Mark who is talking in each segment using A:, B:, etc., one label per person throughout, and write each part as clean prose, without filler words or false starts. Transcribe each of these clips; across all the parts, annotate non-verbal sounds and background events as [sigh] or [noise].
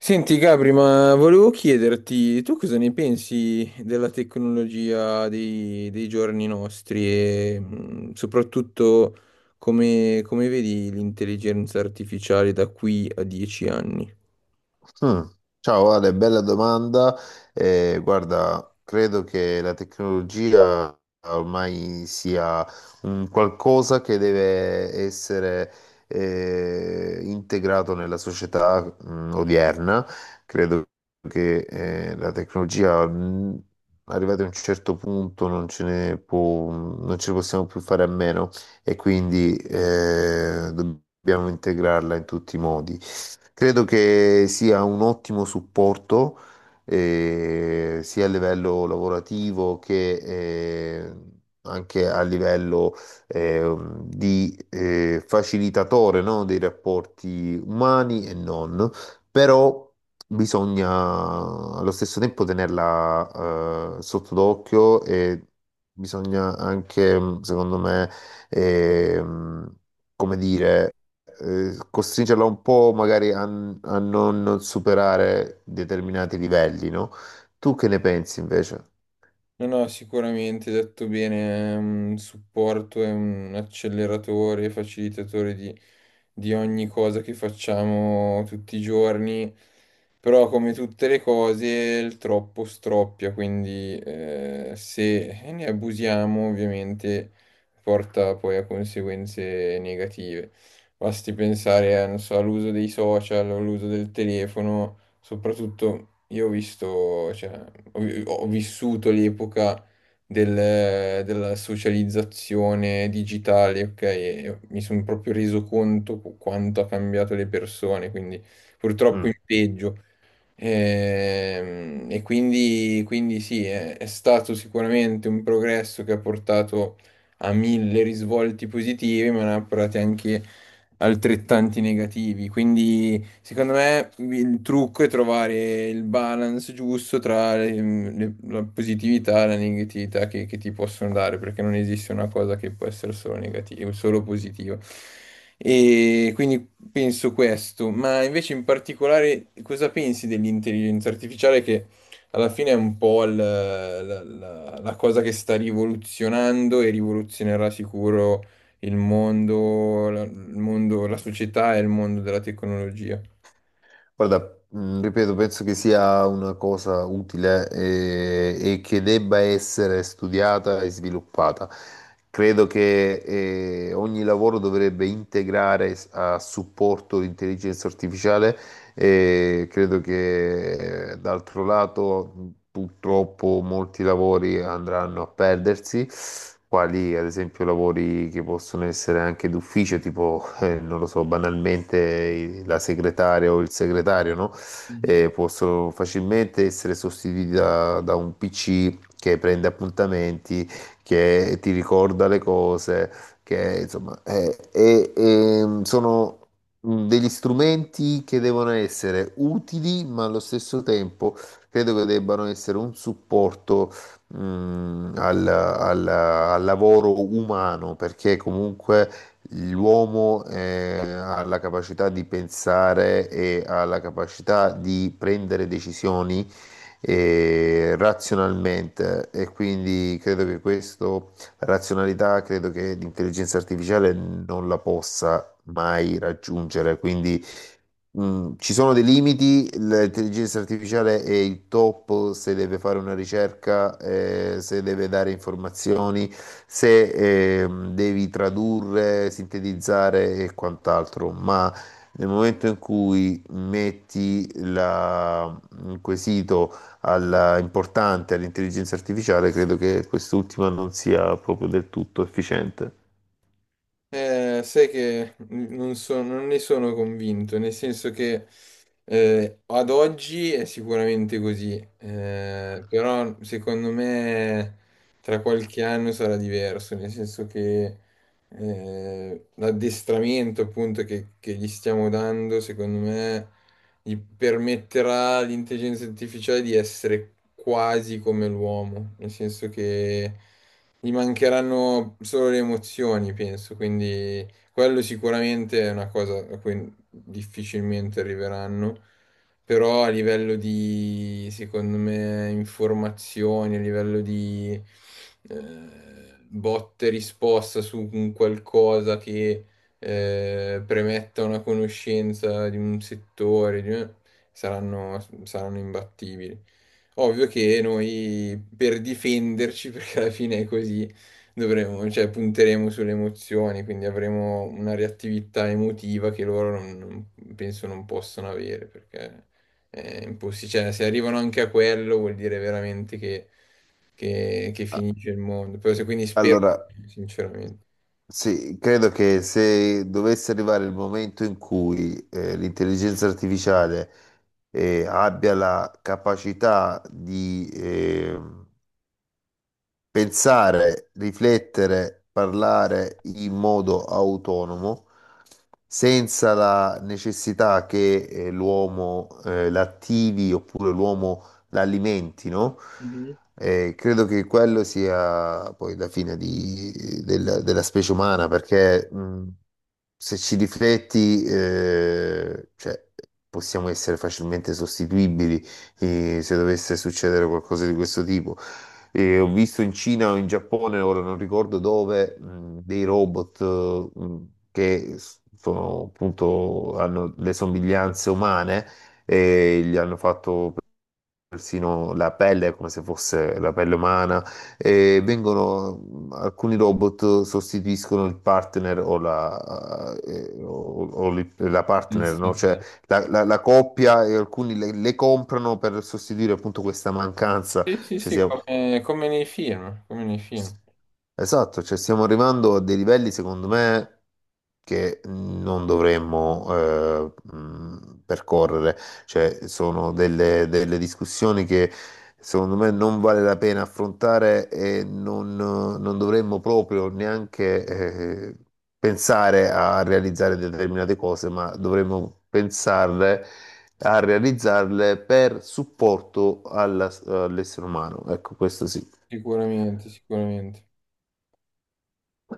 A: Senti Gabri, ma volevo chiederti, tu cosa ne pensi della tecnologia dei giorni nostri e soprattutto come vedi l'intelligenza artificiale da qui a 10 anni?
B: Mm. Ciao Ale, bella domanda. Guarda, credo che la tecnologia ormai sia un qualcosa che deve essere integrato nella società odierna. Credo che la tecnologia, arrivata a un certo punto, non ce ne possiamo più fare a meno e quindi dobbiamo integrarla in tutti i modi. Credo che sia un ottimo supporto, sia a livello lavorativo che eh, anche a livello eh, di facilitatore, no, dei rapporti umani e non, però bisogna allo stesso tempo tenerla sotto d'occhio e bisogna anche, secondo me, ehm, come dire, costringerla un po' magari a non superare determinati livelli, no? Tu che ne pensi invece?
A: No, no, sicuramente, detto bene, è un supporto, è un acceleratore, facilitatore di ogni cosa che facciamo tutti i giorni, però come tutte le cose il troppo stroppia, quindi se ne abusiamo ovviamente porta poi a conseguenze negative. Basti pensare a, non so, all'uso dei social, all'uso del telefono. Soprattutto io ho visto, cioè, ho, ho vissuto l'epoca della socializzazione digitale, ok? E mi sono proprio reso conto quanto ha cambiato le persone, quindi purtroppo
B: Mm.
A: in peggio. Ehm, quindi sì, è stato sicuramente un progresso che ha portato a mille risvolti positivi, ma ne ha portati anche altrettanti negativi. Quindi, secondo me, il trucco è trovare il balance giusto tra la positività e la negatività che ti possono dare, perché non esiste una cosa che può essere solo negativa, solo positiva. E quindi penso questo. Ma invece in particolare cosa pensi dell'intelligenza artificiale che alla fine è un po' la, la cosa che sta rivoluzionando e rivoluzionerà sicuro il mondo, la società e il mondo della tecnologia?
B: Guarda, mm, ripeto, penso che sia una cosa utile, che debba essere studiata e sviluppata. Credo che ogni lavoro dovrebbe integrare a supporto l'intelligenza artificiale e credo che d'altro lato purtroppo molti lavori andranno a perdersi, quali ad esempio lavori che possono essere anche d'ufficio, tipo, non lo so, banalmente la segretaria o il segretario, no? Possono facilmente essere sostituiti da un PC che prende appuntamenti, che ti ricorda le cose, che insomma, sono degli strumenti che devono essere utili, ma allo stesso tempo credo che debbano essere un supporto al lavoro umano, perché comunque l'uomo, ha la capacità di pensare e ha la capacità di prendere decisioni e razionalmente e quindi credo che questo, la razionalità, credo che l'intelligenza artificiale non la possa mai raggiungere. Quindi mm, ci sono dei limiti. L'intelligenza artificiale è il top se deve fare una ricerca, se deve dare informazioni, se devi tradurre, sintetizzare e quant'altro, ma nel momento in cui un quesito importante all'intelligenza artificiale, credo che quest'ultima non sia proprio del tutto efficiente.
A: Sai che non ne sono convinto, nel senso che ad oggi è sicuramente così, però secondo me tra qualche anno sarà diverso, nel senso che l'addestramento appunto che gli stiamo dando, secondo me, gli permetterà all'intelligenza artificiale di essere quasi come l'uomo, nel senso che... Gli mancheranno solo le emozioni, penso, quindi quello sicuramente è una cosa a cui difficilmente arriveranno, però a livello di, secondo me, informazioni, a livello di botte risposta su un qualcosa che premetta una conoscenza di un settore, di- saranno imbattibili. Ovvio che noi per difenderci, [laughs] perché alla fine è così, dovremo, cioè, punteremo sulle emozioni, quindi avremo una reattività emotiva che loro penso non possono avere, perché è impossibile. Cioè, se arrivano anche a quello vuol dire veramente che
B: Ah,
A: finisce il mondo. Però se- quindi spero,
B: allora.
A: sinceramente.
B: Sì, credo che se dovesse arrivare il momento in cui l'intelligenza artificiale abbia la capacità di, pensare, riflettere, parlare in modo autonomo, senza la necessità che l'uomo l'attivi oppure l'uomo l'alimenti, no? Credo che quello sia poi la della, della specie umana, perché se ci rifletti, cioè, possiamo essere facilmente sostituibili se dovesse succedere qualcosa di questo tipo. E ho visto in Cina o in Giappone, ora non ricordo dove, dei robot appunto, hanno le somiglianze umane e gli hanno fatto persino la pelle come se fosse la pelle umana e vengono, alcuni robot sostituiscono il partner o la, la
A: Sì,
B: partner,
A: sì,
B: no? Cioè
A: sì.
B: la, la coppia e alcuni le comprano per sostituire appunto questa mancanza.
A: Sì, sì,
B: Cioè,
A: sì,
B: sia-
A: come, come nei film,
B: Esatto, cioè stiamo arrivando a dei livelli, secondo me, che non dovremmo percorrere. Cioè, sono delle discussioni che secondo me non vale la pena affrontare e non dovremmo proprio neanche pensare a realizzare determinate cose, ma dovremmo pensarle a realizzarle per supporto all'essere umano. Ecco, questo sì.
A: sicuramente, sicuramente.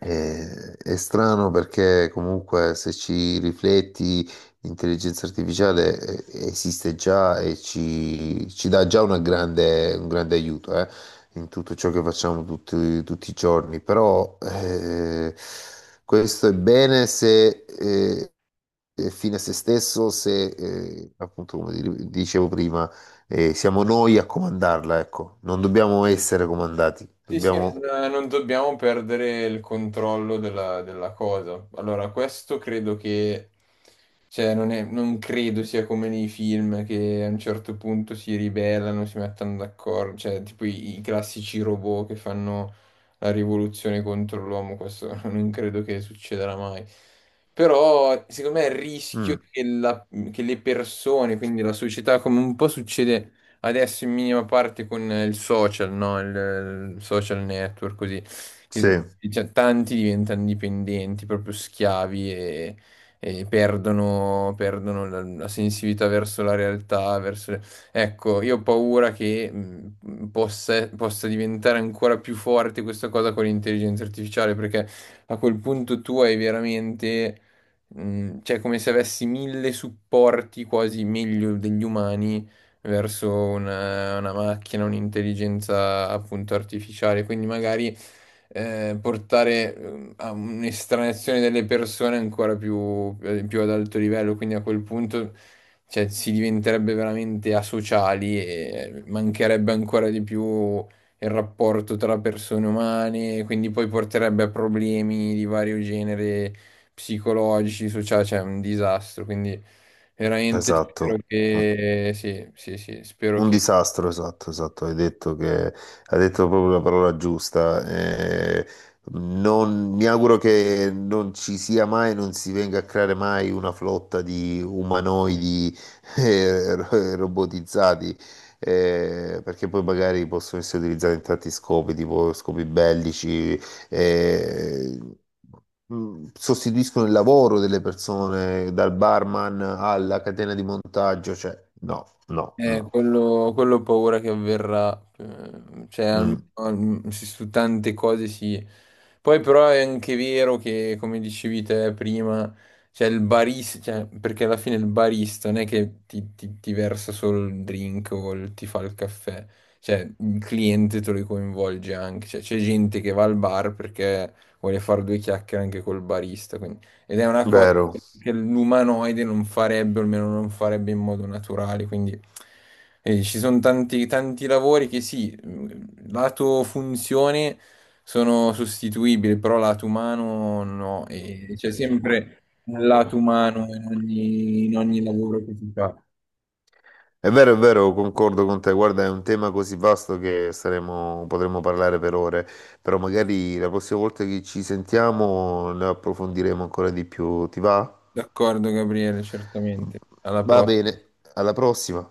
B: È strano perché comunque se ci rifletti, l'intelligenza artificiale esiste già e ci dà già una un grande aiuto, in tutto ciò che facciamo tutti i giorni. Però questo è bene se è fine a se stesso, se appunto come dicevo prima, siamo noi a comandarla, ecco, non dobbiamo essere comandati,
A: Sì, sì,
B: dobbiamo...
A: non dobbiamo perdere il controllo della cosa. Allora, questo credo che, cioè, non credo sia come nei film che a un certo punto si ribellano, si mettono d'accordo, cioè, tipo i classici robot che fanno la rivoluzione contro l'uomo, questo [laughs] non credo che succederà mai. Però, secondo me, il rischio
B: Mm,
A: che, la- che le persone, quindi la società, come un po' succede adesso in minima parte con il social, no? Il social network, così. Che,
B: sì.
A: cioè, tanti diventano dipendenti, proprio schiavi e, perdono la sensibilità verso la realtà, verso le- Ecco, io ho paura che possa diventare ancora più forte questa cosa con l'intelligenza artificiale, perché a quel punto tu hai veramente... Cioè, come se avessi mille supporti quasi meglio degli umani verso una macchina, un'intelligenza appunto artificiale, quindi magari portare a un'estraneazione delle persone ancora più, più ad alto livello, quindi a quel punto cioè, si diventerebbe veramente asociali e mancherebbe ancora di più il rapporto tra persone umane, quindi poi porterebbe a problemi di vario genere psicologici, sociali, cioè è un disastro. Quindi veramente spero
B: Esatto.
A: che sì, sì, sì, spero
B: Un
A: che
B: disastro, esatto, esatto, hai detto che hai detto proprio la parola giusta. Mi auguro che non ci sia mai, non si venga a creare mai una flotta di umanoidi [laughs] robotizzati, perché poi magari possono essere utilizzati in tanti scopi, tipo scopi bellici, eh, sostituiscono il lavoro delle persone, dal barman alla catena di montaggio, cioè no, no, no.
A: quello ho paura che avverrà, cioè almeno
B: Mm,
A: se su tante cose sì. Poi però è anche vero che, come dicevi te prima, cioè il barista, cioè, perché alla fine il barista non è che ti, ti versa solo il drink o ti fa il caffè, cioè il cliente te lo coinvolge anche, cioè c'è gente che va al bar perché vuole fare due chiacchiere anche col barista, quindi ed è una cosa
B: vero,
A: che l'umanoide non farebbe, o almeno non farebbe in modo naturale. Quindi ci sono tanti, tanti lavori che sì, lato funzione sono sostituibili, però lato umano no. E c'è sempre un lato umano in ogni lavoro che si fa.
B: è vero, è vero, concordo con te. Guarda, è un tema così vasto che saremo, potremmo parlare per ore, però magari la prossima volta che ci sentiamo ne approfondiremo ancora di più. Ti va?
A: D'accordo, Gabriele, certamente. Alla
B: Va
A: prossima.
B: bene, alla prossima.